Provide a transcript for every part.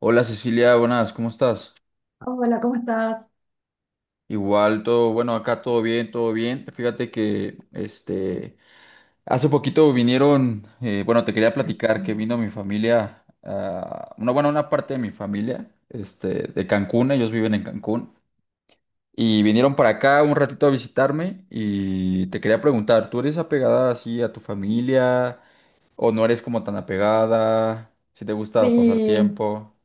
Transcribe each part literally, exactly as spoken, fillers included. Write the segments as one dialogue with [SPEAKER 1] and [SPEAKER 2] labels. [SPEAKER 1] Hola Cecilia, buenas, ¿cómo estás?
[SPEAKER 2] Hola, ¿cómo estás?
[SPEAKER 1] Igual todo, bueno, acá todo bien, todo bien. Fíjate que este hace poquito vinieron, eh, bueno, te quería platicar que vino mi familia, ah, una, bueno, una parte de mi familia, este, de Cancún, ellos viven en Cancún, y vinieron para acá un ratito a visitarme y te quería preguntar, ¿tú eres apegada así a tu familia o no eres como tan apegada? ¿Si te gusta pasar
[SPEAKER 2] Sí,
[SPEAKER 1] tiempo?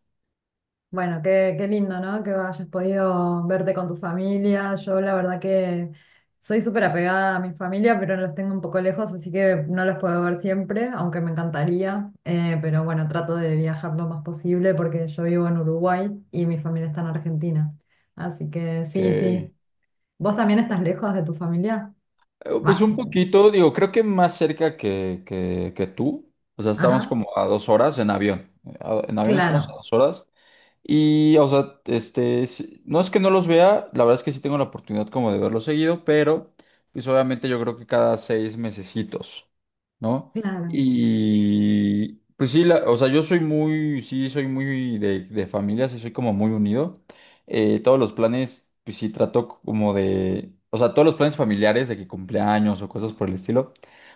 [SPEAKER 2] bueno, qué, qué lindo, ¿no? Que hayas podido verte con tu familia. Yo la verdad que soy súper apegada a mi familia, pero los tengo un poco lejos, así que no los puedo ver siempre, aunque me encantaría. Eh, pero bueno, trato de viajar lo más posible porque yo vivo en Uruguay y mi familia está en Argentina. Así que
[SPEAKER 1] Ok.
[SPEAKER 2] sí, sí. ¿Vos también estás lejos de tu familia?
[SPEAKER 1] Eh, Pues
[SPEAKER 2] Va.
[SPEAKER 1] un poquito, digo, creo que más cerca que, que, que tú. O sea, estamos
[SPEAKER 2] Ajá,
[SPEAKER 1] como a dos horas en avión. Eh, a- En avión estamos a
[SPEAKER 2] claro,
[SPEAKER 1] dos horas. Y, o sea, este, s- no es que no los vea, la verdad es que sí tengo la oportunidad como de verlos seguido, pero pues obviamente yo creo que cada seis mesecitos, ¿no?
[SPEAKER 2] claro,
[SPEAKER 1] Y pues sí, la- o sea, yo soy muy, sí, soy muy de, de familia, sí soy como muy unido. Eh, todos los planes, pues sí trato como de, o sea, todos los planes familiares de que cumpleaños o cosas por el estilo,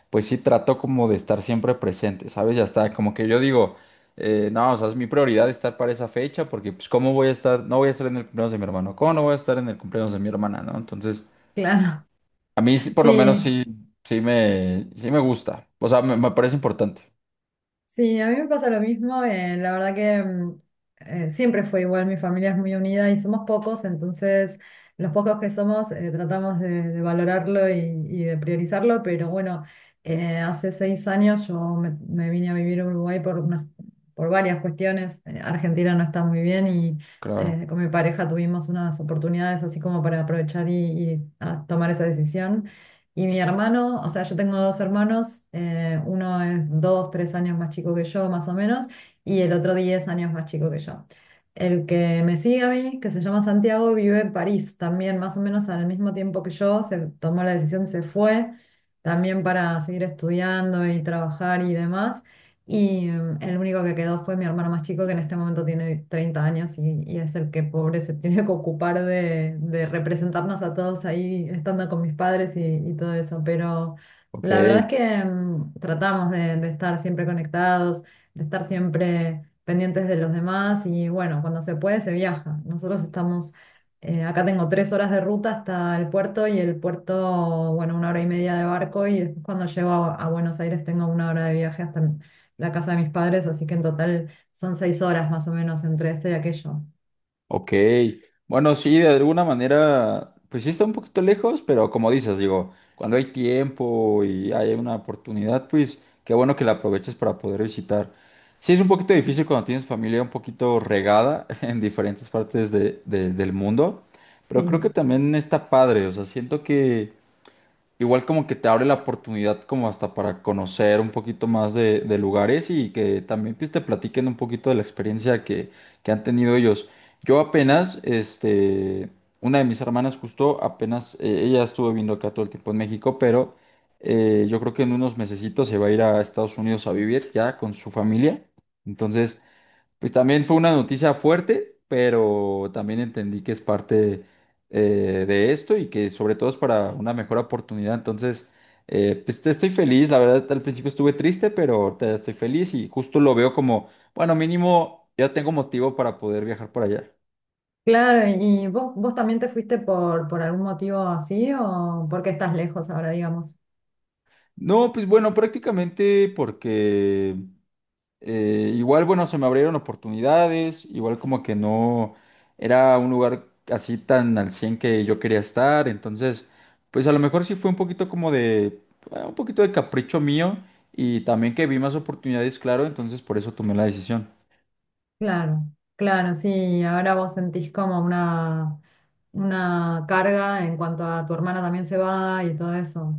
[SPEAKER 1] pues sí trato como de estar siempre presente, ¿sabes? Ya está, como que yo digo... Eh, no, o sea, es mi prioridad estar para esa fecha porque, pues, ¿cómo voy a estar? No voy a estar en el cumpleaños de mi hermano. ¿Cómo no voy a estar en el cumpleaños de mi hermana, no? Entonces,
[SPEAKER 2] claro.
[SPEAKER 1] a mí sí, por lo menos
[SPEAKER 2] Sí.
[SPEAKER 1] sí, sí me, sí me gusta. O sea, me, me parece importante.
[SPEAKER 2] Sí, a mí me pasa lo mismo. Eh, la verdad que mm, eh, siempre fue igual, mi familia es muy unida y somos pocos, entonces los pocos que somos eh, tratamos de, de valorarlo y, y de priorizarlo, pero bueno, eh, hace seis años yo me, me vine a vivir a Uruguay por unas, por varias cuestiones. eh, Argentina no está muy bien y
[SPEAKER 1] Claro.
[SPEAKER 2] eh, con mi pareja tuvimos unas oportunidades así como para aprovechar y, y, ah, tomar esa decisión. Y mi hermano, o sea, yo tengo dos hermanos, eh, uno es dos, tres años más chico que yo, más o menos, y el otro diez años más chico que yo. El que me sigue a mí, que se llama Santiago, vive en París también, más o menos al mismo tiempo que yo, se tomó la decisión, se fue también para seguir estudiando y trabajar y demás. Y em, el único que quedó fue mi hermano más chico, que en este momento tiene treinta años y, y es el que pobre se tiene que ocupar de, de representarnos a todos ahí, estando con mis padres y, y todo eso. Pero
[SPEAKER 1] Ok.
[SPEAKER 2] la verdad es que em, tratamos de, de estar siempre conectados, de estar siempre pendientes de los demás y bueno, cuando se puede se viaja. Nosotros estamos, eh, acá tengo tres horas de ruta hasta el puerto y el puerto, bueno, una hora y media de barco y después cuando llego a, a Buenos Aires tengo una hora de viaje hasta la casa de mis padres, así que en total son seis horas más o menos entre esto y aquello.
[SPEAKER 1] Ok, bueno, sí, de alguna manera, pues sí está un poquito lejos, pero como dices, digo, cuando hay tiempo y hay una oportunidad, pues qué bueno que la aproveches para poder visitar. Sí, es un poquito difícil cuando tienes familia un poquito regada en diferentes partes de- de- del mundo, pero creo que
[SPEAKER 2] Sí.
[SPEAKER 1] también está padre, o sea, siento que Igual como que te abre la oportunidad como hasta para conocer un poquito más de, de lugares y que también pues, te platiquen un poquito de la experiencia que, que han tenido ellos. Yo apenas, este, una de mis hermanas justo, apenas, eh, ella estuvo viviendo acá todo el tiempo en México, pero eh, yo creo que en unos mesecitos se va a ir a Estados Unidos a vivir ya con su familia. Entonces, pues también fue una noticia fuerte, pero también entendí que es parte eh, de esto y que sobre todo es para una mejor oportunidad. Entonces, eh, pues te estoy feliz. La verdad, al principio estuve triste, pero ahorita ya estoy feliz y justo lo veo como, bueno, mínimo ya tengo motivo para poder viajar por allá.
[SPEAKER 2] Claro, ¿y vos, vos también te fuiste por, por algún motivo así o porque estás lejos ahora, digamos?
[SPEAKER 1] No, pues bueno, prácticamente porque Eh, igual, bueno, se me abrieron oportunidades, igual como que no era un lugar así tan al cien que yo quería estar, entonces, pues a lo mejor sí fue un poquito como de, eh, un poquito de capricho mío y también que vi más oportunidades, claro, entonces por eso tomé la decisión.
[SPEAKER 2] Claro, claro, sí, ahora vos sentís como una, una carga en cuanto a tu hermana también se va y todo eso.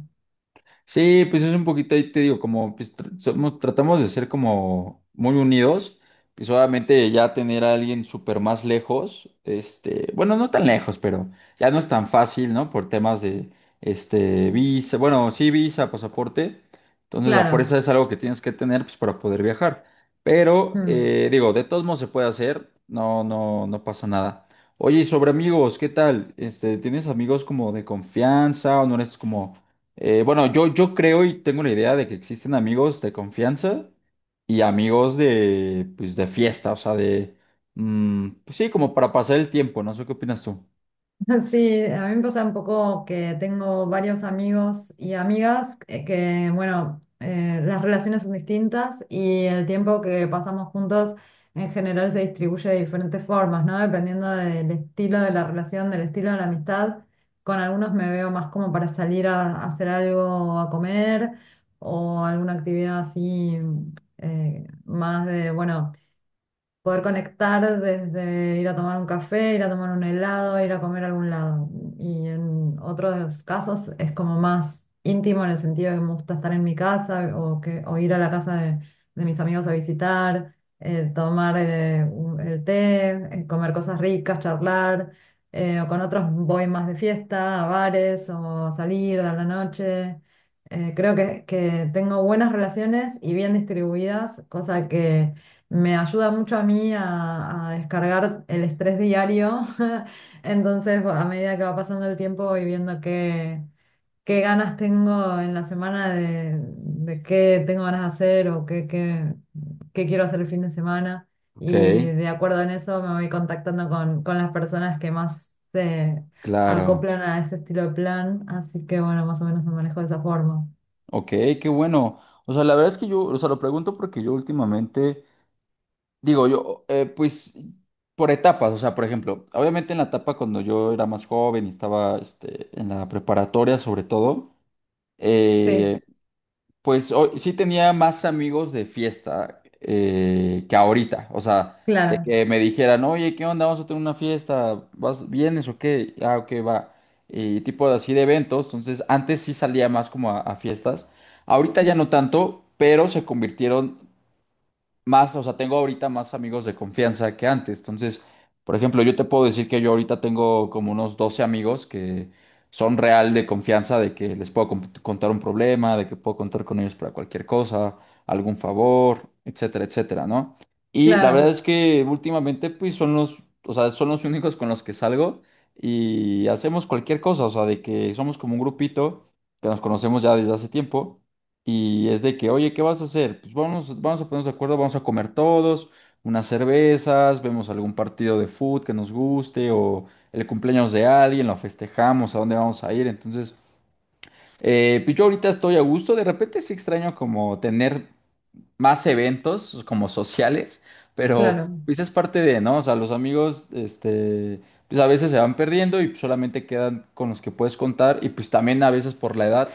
[SPEAKER 1] Sí, pues es un poquito ahí, te digo, como pues, tr- somos, tratamos de ser como muy unidos, pues obviamente ya tener a alguien súper más lejos, este, bueno, no tan lejos, pero ya no es tan fácil, ¿no? Por temas de, este, visa, bueno, sí, visa, pasaporte, entonces a
[SPEAKER 2] Claro.
[SPEAKER 1] fuerza es algo que tienes que tener, pues, para poder viajar, pero,
[SPEAKER 2] Mm.
[SPEAKER 1] eh, digo, de todos modos se puede hacer, no, no, no pasa nada. Oye, y sobre amigos, ¿qué tal? Este, ¿tienes amigos como de confianza o no eres como eh, bueno, yo, yo creo y tengo la idea de que existen amigos de confianza y amigos de, pues, de fiesta, o sea, de, mm, pues sí, como para pasar el tiempo, no sé qué opinas tú?
[SPEAKER 2] Sí, a mí me pasa un poco que tengo varios amigos y amigas eh, que, bueno, eh, las relaciones son distintas y el tiempo que pasamos juntos en general se distribuye de diferentes formas, ¿no? Dependiendo del estilo de la relación, del estilo de la amistad. Con algunos me veo más como para salir a, a hacer algo, a comer o alguna actividad así eh, más de, bueno, poder conectar desde ir a tomar un café, ir a tomar un helado, ir a comer a algún lado. Y en otros casos es como más íntimo en el sentido de que me gusta estar en mi casa o, que, o ir a la casa de, de mis amigos a visitar, eh, tomar eh, un- el té, eh, comer cosas ricas, charlar. Eh, o con otros voy más de fiesta, a bares o a salir a la noche. Eh, creo que, que tengo buenas relaciones y bien distribuidas, cosa que me ayuda mucho a mí a, a descargar el estrés diario. Entonces, a medida que va pasando el tiempo y viendo qué, qué, ganas tengo en la semana de, de qué tengo ganas de hacer o qué, qué, qué quiero hacer el fin de semana.
[SPEAKER 1] Ok,
[SPEAKER 2] Y de acuerdo en eso me voy contactando con, con las personas que más se
[SPEAKER 1] claro.
[SPEAKER 2] acoplan a ese estilo de plan. Así que bueno, más o menos me manejo de esa forma.
[SPEAKER 1] Ok, qué bueno. O sea, la verdad es que yo, o sea, lo pregunto porque yo últimamente, digo, yo, eh, pues, por etapas, o sea, por ejemplo, obviamente en la etapa cuando yo era más joven y estaba, este, en la preparatoria sobre todo,
[SPEAKER 2] Sí,
[SPEAKER 1] eh, Pues hoy sí tenía más amigos de fiesta eh, que ahorita. O sea, de
[SPEAKER 2] claro,
[SPEAKER 1] que me dijeran, oye, ¿qué onda? Vamos a tener una fiesta. ¿Vas, vienes o qué? Ah, ok, va. Y tipo de- así de eventos. Entonces, antes sí salía más como a, a fiestas. Ahorita ya no tanto, pero se convirtieron más, o sea, tengo ahorita más amigos de confianza que antes. Entonces, por ejemplo, yo te puedo decir que yo ahorita tengo como unos doce amigos que son real de confianza, de que les puedo comp- contar un problema, de que puedo contar con ellos para cualquier cosa, algún favor, etcétera, etcétera, ¿no? Y la verdad
[SPEAKER 2] claro,
[SPEAKER 1] es que últimamente, pues, son los, o sea, son los únicos con los que salgo y hacemos cualquier cosa, o sea, de que somos como un grupito que nos conocemos ya desde hace tiempo. Y es de que, oye, ¿qué vas a hacer? Pues vamos, vamos a ponernos de acuerdo, vamos a comer todos, unas cervezas, vemos algún partido de fútbol que nos guste o el cumpleaños de alguien, lo festejamos, a dónde vamos a ir. Entonces, eh, pues yo ahorita estoy a gusto, de repente sí extraño como tener más eventos como sociales, pero
[SPEAKER 2] claro.
[SPEAKER 1] pues es parte de, ¿no? O sea, los amigos, este, pues a veces se van perdiendo y solamente quedan con los que puedes contar y pues también a veces por la edad,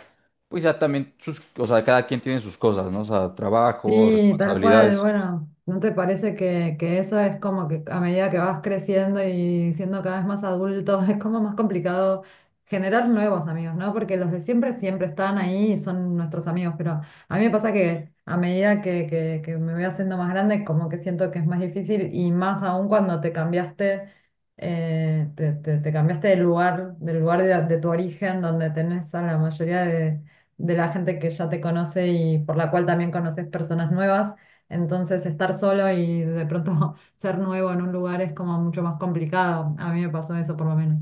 [SPEAKER 1] pues ya también sus, o sea, cada quien tiene sus cosas, ¿no? O sea, trabajo,
[SPEAKER 2] Sí, tal cual.
[SPEAKER 1] responsabilidades.
[SPEAKER 2] Bueno, ¿no te parece que, que eso es como que a medida que vas creciendo y siendo cada vez más adulto, es como más complicado generar nuevos amigos, ¿no? Porque los de siempre siempre están ahí y son nuestros amigos, pero a mí me pasa que a medida que, que, que me voy haciendo más grande, como que siento que es más difícil y más aún cuando te cambiaste, eh, te, te- te cambiaste de lugar, del lugar de, de tu origen, donde tenés a la mayoría de la gente que ya te conoce y por la cual también conoces personas nuevas. Entonces, estar solo y de pronto ser nuevo en un lugar es como mucho más complicado. A mí me pasó eso por lo menos.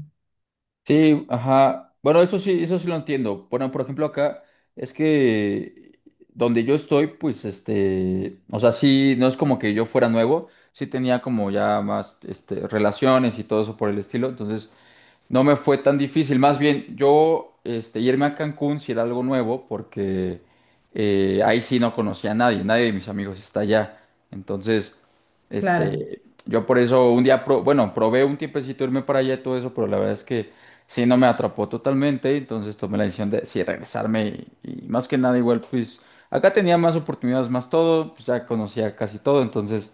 [SPEAKER 1] Sí, ajá. Bueno, eso sí, eso sí lo entiendo. Bueno, por ejemplo, acá es que donde yo estoy, pues este, o sea, sí, no es como que yo fuera nuevo, sí tenía como ya más este, relaciones y todo eso por el estilo. Entonces, no me fue tan difícil, más bien yo este, irme a Cancún si era algo nuevo, porque eh, ahí sí no conocía a nadie, nadie de mis amigos está allá. Entonces,
[SPEAKER 2] Claro.
[SPEAKER 1] este, yo por eso un día, pro- bueno, probé un tiempecito irme para allá y todo eso, pero la verdad es que sí no me atrapó totalmente, entonces tomé la decisión de sí regresarme y, y más que nada igual, pues acá tenía más oportunidades, más todo, pues ya conocía casi todo, entonces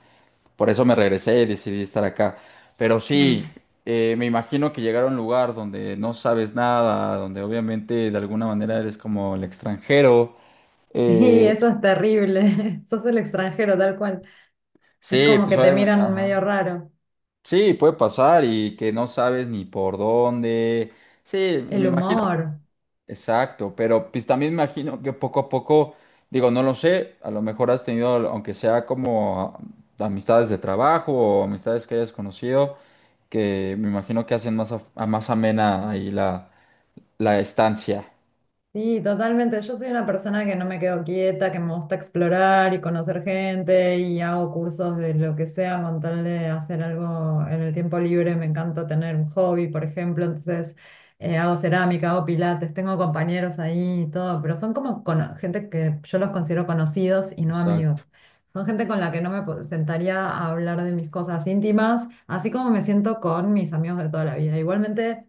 [SPEAKER 1] por eso me regresé y decidí estar acá. Pero sí,
[SPEAKER 2] Mm.
[SPEAKER 1] eh, me imagino que llegar a un lugar donde no sabes nada, donde obviamente de alguna manera eres como el extranjero.
[SPEAKER 2] Sí,
[SPEAKER 1] eh,
[SPEAKER 2] eso es terrible. Sos el extranjero, tal cual. Es
[SPEAKER 1] sí,
[SPEAKER 2] como
[SPEAKER 1] pues
[SPEAKER 2] que te
[SPEAKER 1] obviamente,
[SPEAKER 2] miran medio
[SPEAKER 1] ajá.
[SPEAKER 2] raro.
[SPEAKER 1] Sí, puede pasar y que no sabes ni por dónde. Sí, me
[SPEAKER 2] El
[SPEAKER 1] imagino.
[SPEAKER 2] humor.
[SPEAKER 1] Exacto, pero pues también me imagino que poco a poco, digo, no lo sé, a lo mejor has tenido, aunque sea como ah, amistades de trabajo o amistades que hayas conocido, que me imagino que hacen más, af- a, más amena ahí la, la estancia.
[SPEAKER 2] Sí, totalmente. Yo soy una persona que no me quedo quieta, que me gusta explorar y conocer gente y hago cursos de lo que sea con tal de hacer algo en el tiempo libre. Me encanta tener un hobby, por ejemplo. Entonces eh, hago cerámica, hago pilates, tengo compañeros ahí y todo, pero son como cono- gente que yo los considero conocidos y no
[SPEAKER 1] Exacto.
[SPEAKER 2] amigos. Son gente con la que no me po- sentaría a hablar de mis cosas íntimas, así como me siento con mis amigos de toda la vida. Igualmente.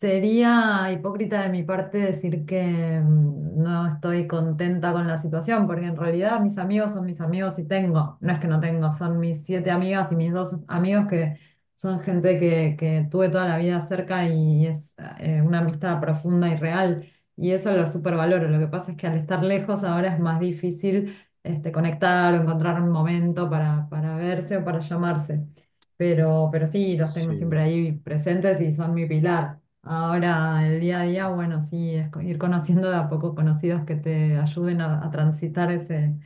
[SPEAKER 2] Sería hipócrita de mi parte decir que mm, no estoy contenta con la situación, porque en realidad mis amigos son mis amigos y tengo, no es que no tengo, son mis siete amigas y mis dos amigos que son gente que, que tuve toda la vida cerca y es eh, una amistad profunda y real, y eso lo supervaloro. Lo que pasa es que al estar lejos ahora es más difícil este, conectar o encontrar un momento para, para verse o para llamarse, pero, pero sí, los tengo siempre
[SPEAKER 1] Sí.
[SPEAKER 2] ahí presentes y son mi pilar. Ahora, el día a día, bueno, sí, es co- ir conociendo de a poco conocidos que te ayuden a, a transitar ese,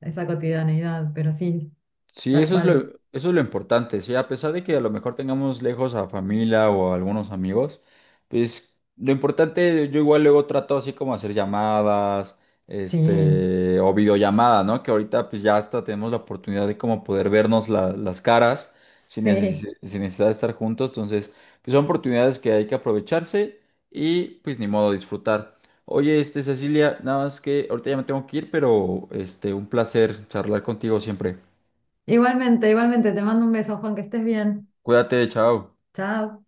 [SPEAKER 2] esa cotidianeidad, pero sí,
[SPEAKER 1] Sí,
[SPEAKER 2] tal
[SPEAKER 1] eso es lo,
[SPEAKER 2] cual.
[SPEAKER 1] eso es lo importante, sí, a pesar de que a lo mejor tengamos lejos a familia o a algunos amigos, pues lo importante, yo igual luego trato así como hacer llamadas,
[SPEAKER 2] Sí,
[SPEAKER 1] este, o videollamada, ¿no? Que ahorita pues ya hasta tenemos la oportunidad de como poder vernos la- las caras sin
[SPEAKER 2] sí.
[SPEAKER 1] necesi- sin necesidad de estar juntos, entonces pues son oportunidades que hay que aprovecharse y pues ni modo disfrutar. Oye, este, Cecilia, nada más que ahorita ya me tengo que ir, pero este, un placer charlar contigo siempre.
[SPEAKER 2] Igualmente, igualmente, te mando un beso, Juan, que estés bien.
[SPEAKER 1] Cuídate, chao.
[SPEAKER 2] Chao.